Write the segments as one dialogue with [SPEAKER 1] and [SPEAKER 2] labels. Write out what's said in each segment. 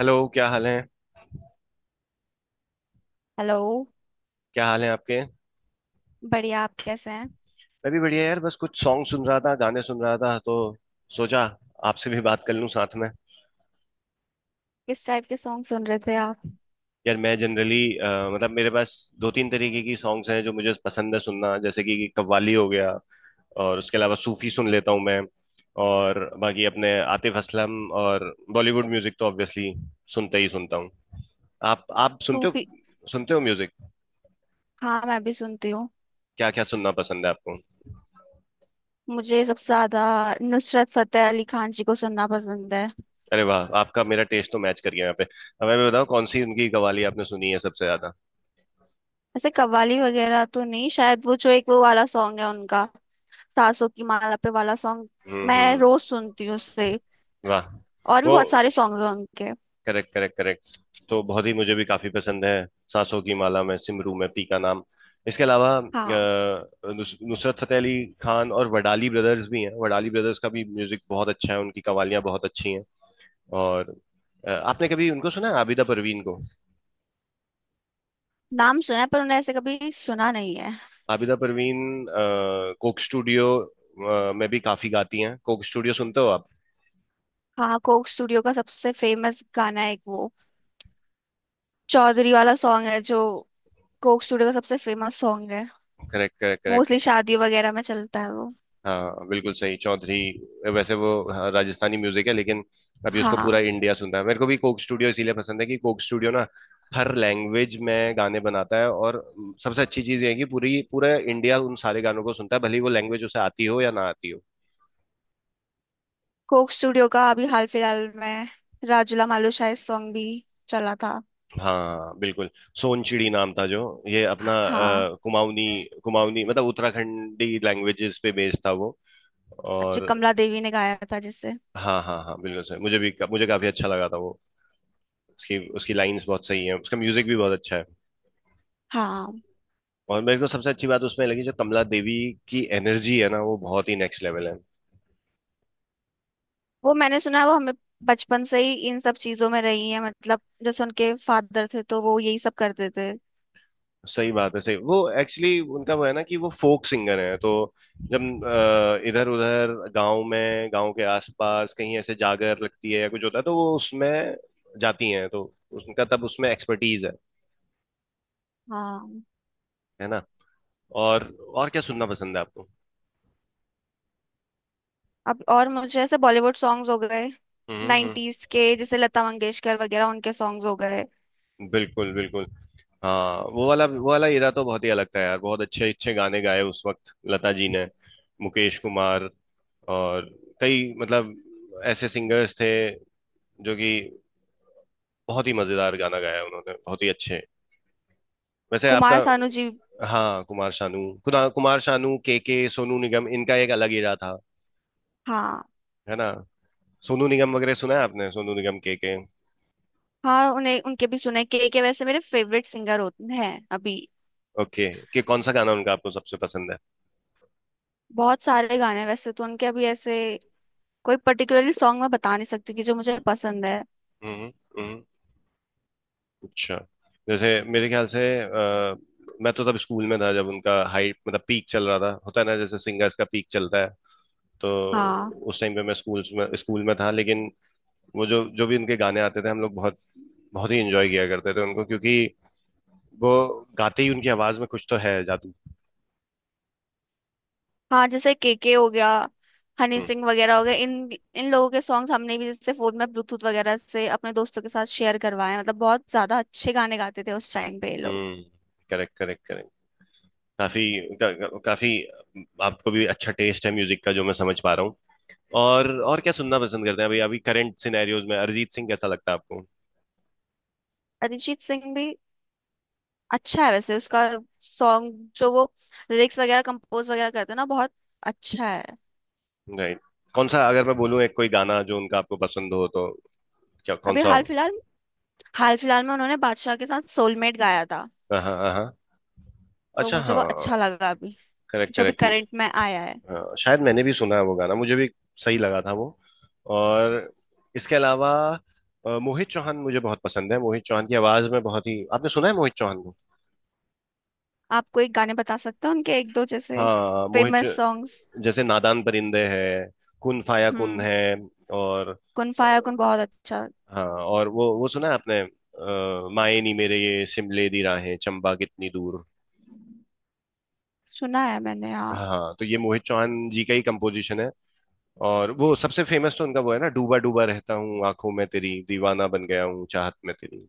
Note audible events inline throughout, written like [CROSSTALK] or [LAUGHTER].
[SPEAKER 1] Hello. क्या हाल है?
[SPEAKER 2] हेलो।
[SPEAKER 1] क्या हाल है आपके?
[SPEAKER 2] बढ़िया, आप कैसे हैं?
[SPEAKER 1] मैं भी बढ़िया यार, बस कुछ सॉन्ग सुन रहा था, गाने सुन रहा था, तो सोचा आपसे भी बात कर लूं साथ में।
[SPEAKER 2] किस टाइप के सॉन्ग सुन रहे थे आप?
[SPEAKER 1] यार, मैं जनरली, मतलब मेरे पास दो तीन तरीके की सॉन्ग्स हैं जो मुझे पसंद है सुनना। जैसे कि कव्वाली हो गया, और उसके अलावा सूफी सुन लेता हूँ मैं, और बाकी अपने आतिफ असलम और बॉलीवुड म्यूजिक तो ऑब्वियसली सुनते ही सुनता हूँ। आप सुनते
[SPEAKER 2] सूफी।
[SPEAKER 1] हो? सुनते हो म्यूजिक?
[SPEAKER 2] हाँ मैं भी सुनती हूँ।
[SPEAKER 1] क्या क्या सुनना पसंद है आपको?
[SPEAKER 2] मुझे सबसे ज्यादा नुसरत फतेह अली खान जी को सुनना पसंद है।
[SPEAKER 1] अरे वाह, आपका मेरा टेस्ट तो मैच कर गया यहाँ पे। अब मैं भी बताऊँ, कौन सी उनकी कवाली आपने सुनी है सबसे ज्यादा?
[SPEAKER 2] ऐसे कव्वाली वगैरह तो नहीं, शायद वो जो एक वो वाला सॉन्ग है उनका, सासों की माला पे वाला सॉन्ग।
[SPEAKER 1] हम्म,
[SPEAKER 2] मैं
[SPEAKER 1] हम्म।
[SPEAKER 2] रोज सुनती हूँ उससे।
[SPEAKER 1] वाह।
[SPEAKER 2] और भी
[SPEAKER 1] वो,
[SPEAKER 2] बहुत सारे सॉन्ग हैं उनके।
[SPEAKER 1] करेक्ट करेक्ट करेक्ट, तो बहुत ही मुझे भी काफी पसंद है। सांसों की माला में सिमरू में पी का नाम। इसके अलावा
[SPEAKER 2] हाँ।
[SPEAKER 1] नुसरत फतेह अली खान और वडाली ब्रदर्स भी हैं। वडाली ब्रदर्स का भी म्यूजिक बहुत अच्छा है, उनकी कवालियाँ बहुत अच्छी हैं। और आपने कभी उनको सुना है, आबिदा परवीन को?
[SPEAKER 2] नाम सुना है पर उन्हें ऐसे कभी सुना नहीं है।
[SPEAKER 1] आबिदा परवीन कोक स्टूडियो में भी काफी गाती हैं। कोक स्टूडियो सुनते हो आप?
[SPEAKER 2] हाँ, कोक स्टूडियो का सबसे फेमस गाना है एक, वो चौधरी वाला सॉन्ग है जो कोक स्टूडियो का सबसे फेमस सॉन्ग है।
[SPEAKER 1] Correct correct correct.
[SPEAKER 2] मोस्टली शादी वगैरह में चलता है वो।
[SPEAKER 1] हाँ बिल्कुल सही, चौधरी। वैसे वो, हाँ, राजस्थानी म्यूजिक है लेकिन अभी उसको पूरा
[SPEAKER 2] हाँ।
[SPEAKER 1] इंडिया सुनता है। मेरे को भी कोक स्टूडियो इसीलिए पसंद है कि कोक स्टूडियो ना हर लैंग्वेज में गाने बनाता है, और सबसे अच्छी चीज़ ये है कि पूरी पूरा इंडिया उन सारे गानों को सुनता है, भले ही वो लैंग्वेज उसे आती हो या ना आती हो।
[SPEAKER 2] कोक स्टूडियो का अभी हाल फिलहाल में राजूला मालू शाह सॉन्ग भी चला था।
[SPEAKER 1] हाँ बिल्कुल। सोनचिड़ी नाम था जो, ये अपना
[SPEAKER 2] हाँ,
[SPEAKER 1] कुमाऊनी कुमाऊनी मतलब उत्तराखंडी लैंग्वेजेस पे बेस्ड था वो।
[SPEAKER 2] जो
[SPEAKER 1] और
[SPEAKER 2] कमला देवी ने गाया था जिसे।
[SPEAKER 1] हाँ हाँ हाँ बिल्कुल सही, मुझे काफी अच्छा लगा था वो। उसकी उसकी लाइंस बहुत सही है, उसका म्यूजिक भी बहुत अच्छा है।
[SPEAKER 2] हाँ
[SPEAKER 1] और मेरे को सबसे अच्छी बात उसमें लगी, जो कमला देवी की एनर्जी है ना, वो बहुत ही नेक्स्ट लेवल है।
[SPEAKER 2] वो मैंने सुना है। वो हमें बचपन से ही इन सब चीजों में रही है, मतलब जैसे उनके फादर थे तो वो यही सब करते थे।
[SPEAKER 1] सही बात है, सही। वो एक्चुअली उनका वो है ना, कि वो फोक सिंगर है, तो जब इधर उधर गांव में, गांव के आसपास कहीं ऐसे जागर लगती है या कुछ होता है, तो वो उसमें जाती हैं, तो उनका तब उसमें एक्सपर्टीज है।
[SPEAKER 2] हाँ।
[SPEAKER 1] है ना। और और क्या सुनना पसंद है आपको?
[SPEAKER 2] अब और मुझे ऐसे बॉलीवुड सॉन्ग्स हो गए,
[SPEAKER 1] हम्म, हम्म।
[SPEAKER 2] 90s के, जैसे लता मंगेशकर वगैरह, उनके सॉन्ग्स हो गए।
[SPEAKER 1] बिल्कुल बिल्कुल। हाँ, वो वाला हीरा तो बहुत ही अलग था यार, बहुत अच्छे अच्छे गाने गाए उस वक्त लता जी ने, मुकेश कुमार, और कई, मतलब ऐसे सिंगर्स थे जो कि बहुत ही मजेदार गाना गाया, उन्होंने बहुत ही अच्छे। वैसे आपका,
[SPEAKER 2] कुमार सानू जी।
[SPEAKER 1] हाँ, कुमार शानू। कुमार शानू, के, सोनू निगम, इनका एक अलग हीरा था।
[SPEAKER 2] हाँ
[SPEAKER 1] है ना। सोनू निगम वगैरह सुना है आपने? सोनू निगम, के के।
[SPEAKER 2] हाँ, उन्हें उनके भी सुने, के वैसे मेरे फेवरेट सिंगर होते हैं अभी।
[SPEAKER 1] ओके। कि कौन सा गाना उनका आपको सबसे पसंद है?
[SPEAKER 2] बहुत सारे गाने हैं वैसे तो उनके, अभी ऐसे कोई पर्टिकुलरली सॉन्ग मैं बता नहीं सकती कि जो मुझे पसंद है।
[SPEAKER 1] हम्म हम्म हम्म। अच्छा, जैसे मेरे ख्याल से मैं तो तब स्कूल में था जब उनका हाइट, मतलब पीक चल रहा था। होता है ना, जैसे सिंगर्स का पीक चलता है। तो
[SPEAKER 2] हाँ।
[SPEAKER 1] उस टाइम पे मैं स्कूल में था। लेकिन वो जो जो भी उनके गाने आते थे, हम लोग बहुत बहुत ही इंजॉय किया करते थे उनको, क्योंकि वो गाते ही, उनकी आवाज में कुछ तो है जादू।
[SPEAKER 2] हाँ, जैसे के हो गया, हनी
[SPEAKER 1] हम्म,
[SPEAKER 2] सिंह वगैरह हो गए, इन इन लोगों के सॉन्ग्स हमने भी जैसे फोन में ब्लूटूथ वगैरह से अपने दोस्तों के साथ शेयर करवाए, मतलब बहुत ज्यादा अच्छे गाने गाते थे उस टाइम पे ये लोग।
[SPEAKER 1] हम्म। Correct correct correct. काफी का, काफी। आपको भी अच्छा टेस्ट है म्यूजिक का जो मैं समझ पा रहा हूँ। और क्या सुनना पसंद करते हैं अभी? अभी करंट सिनेरियोज में अरिजीत सिंह कैसा लगता है आपको?
[SPEAKER 2] अरिजीत सिंह भी अच्छा है, वैसे उसका सॉन्ग जो वो लिरिक्स वगैरह कंपोज वगैरह करते हैं ना, बहुत अच्छा है।
[SPEAKER 1] राइट। कौन सा, अगर मैं बोलूँ एक कोई गाना जो उनका आपको पसंद हो तो, क्या कौन
[SPEAKER 2] अभी
[SPEAKER 1] सा
[SPEAKER 2] हाल
[SPEAKER 1] हो?
[SPEAKER 2] फिलहाल में उन्होंने बादशाह के साथ सोलमेट गाया था।
[SPEAKER 1] हाँ हाँ हाँ हाँ।
[SPEAKER 2] तो
[SPEAKER 1] अच्छा,
[SPEAKER 2] मुझे
[SPEAKER 1] हाँ।
[SPEAKER 2] वो अच्छा लगा अभी,
[SPEAKER 1] करेक्ट
[SPEAKER 2] जो भी
[SPEAKER 1] करेक्ट।
[SPEAKER 2] करंट में आया है।
[SPEAKER 1] शायद मैंने भी सुना है वो गाना, मुझे भी सही लगा था वो। और इसके अलावा मोहित चौहान मुझे बहुत पसंद है। मोहित चौहान की आवाज में बहुत ही, आपने सुना है मोहित चौहान को?
[SPEAKER 2] आप कोई गाने बता सकते हो उनके, एक दो जैसे
[SPEAKER 1] हाँ, मोहित
[SPEAKER 2] फेमस सॉन्ग्स?
[SPEAKER 1] चौ-, जैसे नादान परिंदे है, कुन फाया कुन
[SPEAKER 2] हम्म।
[SPEAKER 1] है, और
[SPEAKER 2] कुन
[SPEAKER 1] अ,
[SPEAKER 2] फाया कुन बहुत अच्छा।
[SPEAKER 1] हाँ, और वो सुना है आपने माए नी मेरे ये सिमले दी राहें चंबा कितनी दूर?
[SPEAKER 2] सुना है मैंने, हाँ।
[SPEAKER 1] हाँ तो ये मोहित चौहान जी का ही कंपोजिशन है। और वो सबसे फेमस तो उनका वो है ना, डूबा डूबा रहता हूँ आंखों में तेरी, दीवाना बन गया हूँ चाहत में तेरी।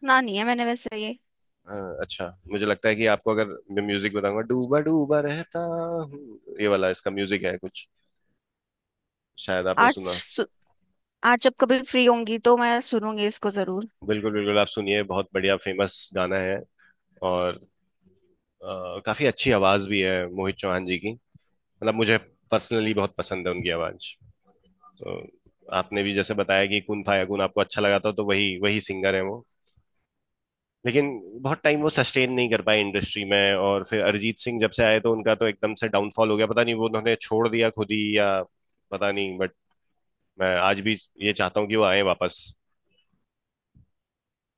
[SPEAKER 2] सुना नहीं है मैंने वैसे ये।
[SPEAKER 1] हाँ अच्छा, मुझे लगता है कि आपको अगर मैं म्यूजिक बताऊंगा, डूबा डूबा रहता हूँ, ये वाला, इसका म्यूजिक है कुछ, शायद आपने
[SPEAKER 2] आज
[SPEAKER 1] सुना।
[SPEAKER 2] सु- आज जब कभी फ्री होंगी तो मैं सुनूंगी इसको जरूर।
[SPEAKER 1] बिल्कुल बिल्कुल, आप सुनिए, बहुत बढ़िया फेमस गाना है। और काफी अच्छी आवाज भी है मोहित चौहान जी की। मतलब मुझे पर्सनली बहुत पसंद है उनकी आवाज। तो आपने भी जैसे बताया कि कुन फायाकुन आपको अच्छा लगा था, तो वही वही सिंगर है वो। लेकिन बहुत टाइम वो सस्टेन नहीं कर पाए इंडस्ट्री में, और फिर अरिजीत सिंह जब से आए तो उनका तो एकदम से डाउनफॉल हो गया। पता नहीं, वो उन्होंने छोड़ दिया खुद ही या पता नहीं, बट मैं आज भी ये चाहता हूँ कि वो आए वापस।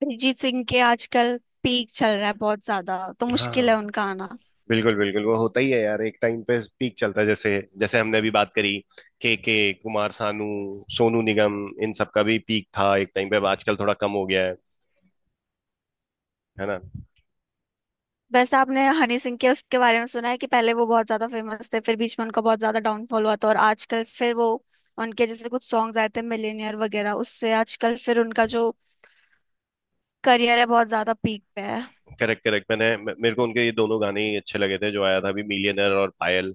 [SPEAKER 2] अरिजीत सिंह के आजकल पीक चल रहा है बहुत ज्यादा, तो मुश्किल
[SPEAKER 1] हाँ
[SPEAKER 2] है उनका आना।
[SPEAKER 1] बिल्कुल बिल्कुल, वो होता ही है यार, एक टाइम पे पीक चलता है। जैसे जैसे हमने अभी बात करी, के, कुमार सानू, सोनू निगम, इन सब का भी पीक था एक टाइम पे। अब आजकल थोड़ा कम हो गया है। है ना।
[SPEAKER 2] बस, आपने हनी सिंह के उसके बारे में सुना है कि पहले वो बहुत ज्यादा फेमस थे, फिर बीच में उनका बहुत ज्यादा डाउनफॉल हुआ था, और आजकल फिर वो, उनके जैसे कुछ सॉन्ग्स आए थे मिलेनियर वगैरह, उससे आजकल फिर उनका जो करियर है बहुत ज्यादा पीक पे है।
[SPEAKER 1] Correct correct. मैंने मेरे को उनके ये दोनों गाने ही अच्छे लगे थे जो आया था अभी, मिलियनर और पायल।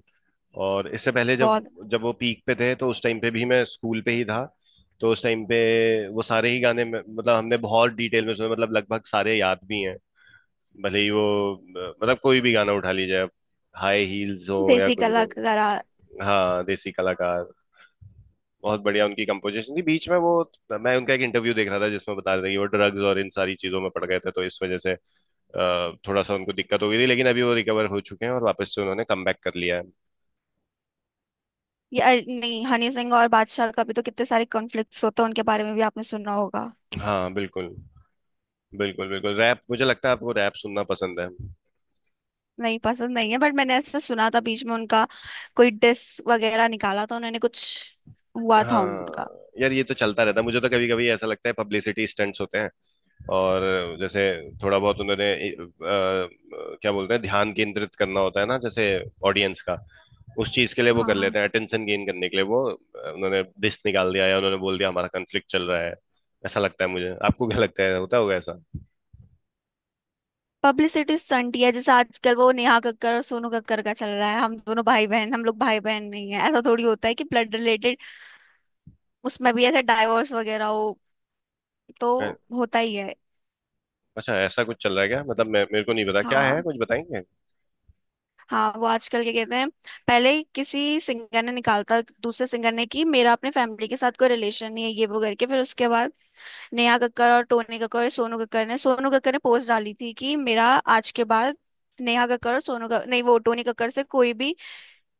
[SPEAKER 1] और इससे पहले जब,
[SPEAKER 2] बहुत।
[SPEAKER 1] जब वो पीक पे थे तो उस टाइम पे भी मैं स्कूल पे ही था, तो उस टाइम पे वो सारे ही गाने मतलब हमने बहुत डिटेल में सुने। मतलब लगभग सारे याद भी हैं। भले ही वो, मतलब कोई भी गाना उठा लीजिए आप, हाई हील्स हो या
[SPEAKER 2] देसी
[SPEAKER 1] कुछ भी।
[SPEAKER 2] कलाकारा।
[SPEAKER 1] हाँ, देसी कलाकार, बहुत बढ़िया उनकी कंपोजिशन थी। बीच में वो, मैं उनका एक इंटरव्यू देख रहा था जिसमें बता रहे थे कि वो ड्रग्स और इन सारी चीजों में पड़ गए थे, तो इस वजह से थोड़ा सा उनको दिक्कत हो गई थी, लेकिन अभी वो रिकवर हो चुके हैं और वापस से उन्होंने कमबैक कर लिया है।
[SPEAKER 2] या नहीं, हनी सिंह और बादशाह का भी तो कितने सारे कॉन्फ्लिक्ट्स होते हैं, उनके बारे में भी आपने सुना होगा।
[SPEAKER 1] हाँ बिल्कुल। बिल्कुल बिल्कुल, रैप, मुझे लगता है आपको रैप सुनना पसंद है।
[SPEAKER 2] नहीं पसंद नहीं है, बट मैंने ऐसे सुना था बीच में उन्होंने उनका कोई डिस वगैरह निकाला था उन्होंने, कुछ हुआ था
[SPEAKER 1] हाँ,
[SPEAKER 2] उनका।
[SPEAKER 1] यार ये तो चलता रहता है, मुझे तो कभी कभी ऐसा लगता है पब्लिसिटी स्टंट्स होते हैं। और जैसे, थोड़ा बहुत उन्होंने क्या बोलते हैं, ध्यान केंद्रित करना, होता है ना, जैसे ऑडियंस का उस चीज के लिए। वो कर
[SPEAKER 2] हाँ।
[SPEAKER 1] लेते हैं अटेंशन गेन करने के लिए। वो उन्होंने दिस निकाल दिया या उन्होंने बोल दिया हमारा कन्फ्लिक्ट चल रहा है, ऐसा लगता है मुझे। आपको क्या लगता है, होता होगा ऐसा?
[SPEAKER 2] पब्लिसिटी स्टंट ही है, जैसे आजकल वो नेहा कक्कर और सोनू कक्कर का चल रहा है, हम दोनों भाई बहन, हम लोग भाई बहन नहीं है, ऐसा थोड़ी होता है कि ब्लड रिलेटेड, उसमें भी ऐसे डाइवोर्स वगैरह हो, तो
[SPEAKER 1] अ,
[SPEAKER 2] होता ही है।
[SPEAKER 1] अच्छा, ऐसा कुछ चल रहा है क्या? मतलब मैं, मेरे को नहीं पता क्या है,
[SPEAKER 2] हाँ।
[SPEAKER 1] कुछ बताएंगे?
[SPEAKER 2] हाँ वो आजकल क्या कहते हैं, पहले किसी सिंगर ने निकालता दूसरे सिंगर ने कि मेरा अपने फैमिली के साथ कोई रिलेशन नहीं है, ये वो करके फिर उसके बाद नेहा कक्कर और टोनी कक्कर और सोनू कक्कर ने, सोनू कक्कर ने पोस्ट डाली थी कि मेरा आज के बाद नेहा कक्कर और सोनू कक्कर नहीं, वो टोनी कक्कर से कोई भी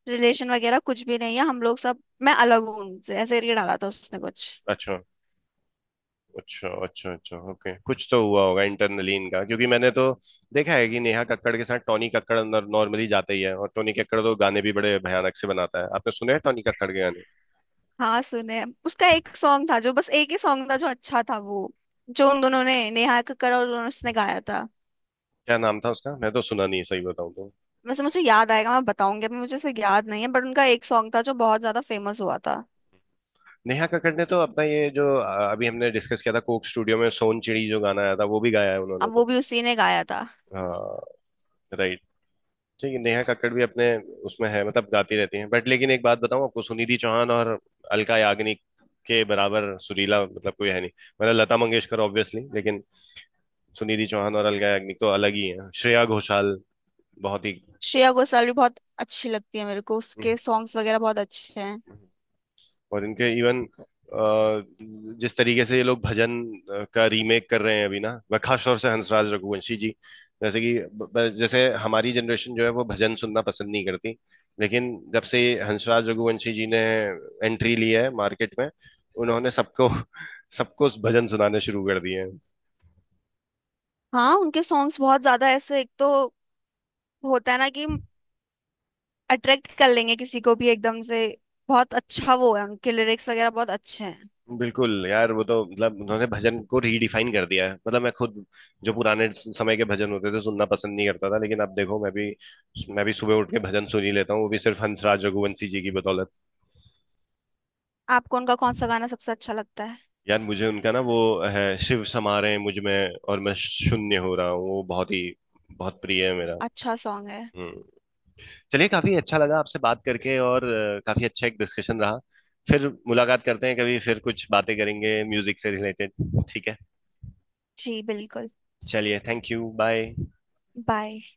[SPEAKER 2] रिलेशन वगैरह कुछ भी नहीं है, हम लोग सब, मैं अलग हूँ उनसे, ऐसे करके डाला था उसने कुछ।
[SPEAKER 1] अच्छा अच्छा अच्छा अच्छा, ओके, कुछ तो हुआ होगा इंटरनली इनका, क्योंकि मैंने तो देखा है कि नेहा कक्कड़ के साथ टॉनी कक्कड़ अंदर नॉर्मली जाता ही है, और टॉनी कक्कड़ तो गाने भी बड़े भयानक से बनाता है। आपने सुने हैं टॉनी कक्कड़ के गाने?
[SPEAKER 2] हाँ सुने, उसका एक सॉन्ग था जो, बस एक ही सॉन्ग था जो अच्छा था वो, जो उन दोनों ने, नेहा कक्कड़ और उसने गाया था।
[SPEAKER 1] क्या नाम था उसका? मैं तो सुना नहीं है सही बताऊं तो।
[SPEAKER 2] वैसे मुझे याद आएगा मैं बताऊंगी, अभी मुझे इसे याद नहीं है, बट उनका एक सॉन्ग था जो बहुत ज्यादा फेमस हुआ था।
[SPEAKER 1] नेहा कक्कड़ ने तो अपना ये जो अभी हमने डिस्कस किया था कोक स्टूडियो में, सोन चिड़ी, जो गाना आया था, वो भी गाया है उन्होंने
[SPEAKER 2] अब वो
[SPEAKER 1] तो।
[SPEAKER 2] भी उसी ने गाया था।
[SPEAKER 1] हाँ। ठीक है, नेहा कक्कड़ भी अपने उसमें है, मतलब गाती रहती हैं। बट लेकिन एक बात बताऊं आपको, सुनिधि चौहान और अलका याग्निक के बराबर सुरीला, मतलब कोई है नहीं। मतलब लता मंगेशकर ऑब्वियसली, लेकिन सुनिधि चौहान और अलका याग्निक तो अलग ही है। श्रेया घोषाल बहुत
[SPEAKER 2] श्रेया घोषाल भी बहुत अच्छी लगती है मेरे को, उसके सॉन्ग्स वगैरह बहुत अच्छे हैं।
[SPEAKER 1] ही। और इनके इवन जिस तरीके से ये लोग भजन का रीमेक कर रहे हैं अभी ना, वह खास तौर से हंसराज रघुवंशी जी। जैसे कि, जैसे हमारी जनरेशन जो है, वो भजन सुनना पसंद नहीं करती, लेकिन जब से ये हंसराज रघुवंशी जी ने एंट्री ली है मार्केट में, उन्होंने सबको [LAUGHS] सबको भजन सुनाने शुरू कर दिए हैं।
[SPEAKER 2] हाँ उनके सॉन्ग्स बहुत ज्यादा ऐसे, एक तो होता है ना कि अट्रैक्ट कर लेंगे किसी को भी एकदम से, बहुत अच्छा वो है, उनके लिरिक्स वगैरह बहुत अच्छे हैं।
[SPEAKER 1] बिल्कुल यार, वो तो मतलब उन्होंने भजन को रीडिफाइन कर दिया है। मतलब मैं खुद जो पुराने समय के भजन होते थे सुनना पसंद नहीं करता था, लेकिन अब देखो, मैं भी सुबह उठ के भजन सुन ही लेता हूँ, वो भी सिर्फ हंसराज रघुवंशी जी की बदौलत।
[SPEAKER 2] आपको उनका कौन सा गाना सबसे अच्छा लगता है?
[SPEAKER 1] यार मुझे उनका ना वो है, शिव समा रहे हैं मुझ में और मैं शून्य हो रहा हूँ, वो बहुत ही बहुत प्रिय है मेरा।
[SPEAKER 2] अच्छा सॉन्ग है।
[SPEAKER 1] हम्म। चलिए, काफी अच्छा लगा आपसे बात करके, और काफी अच्छा एक डिस्कशन रहा। फिर मुलाकात करते हैं कभी, फिर कुछ बातें करेंगे म्यूजिक से रिलेटेड। ठीक है।
[SPEAKER 2] जी बिल्कुल।
[SPEAKER 1] चलिए, थैंक यू, बाय।
[SPEAKER 2] बाय।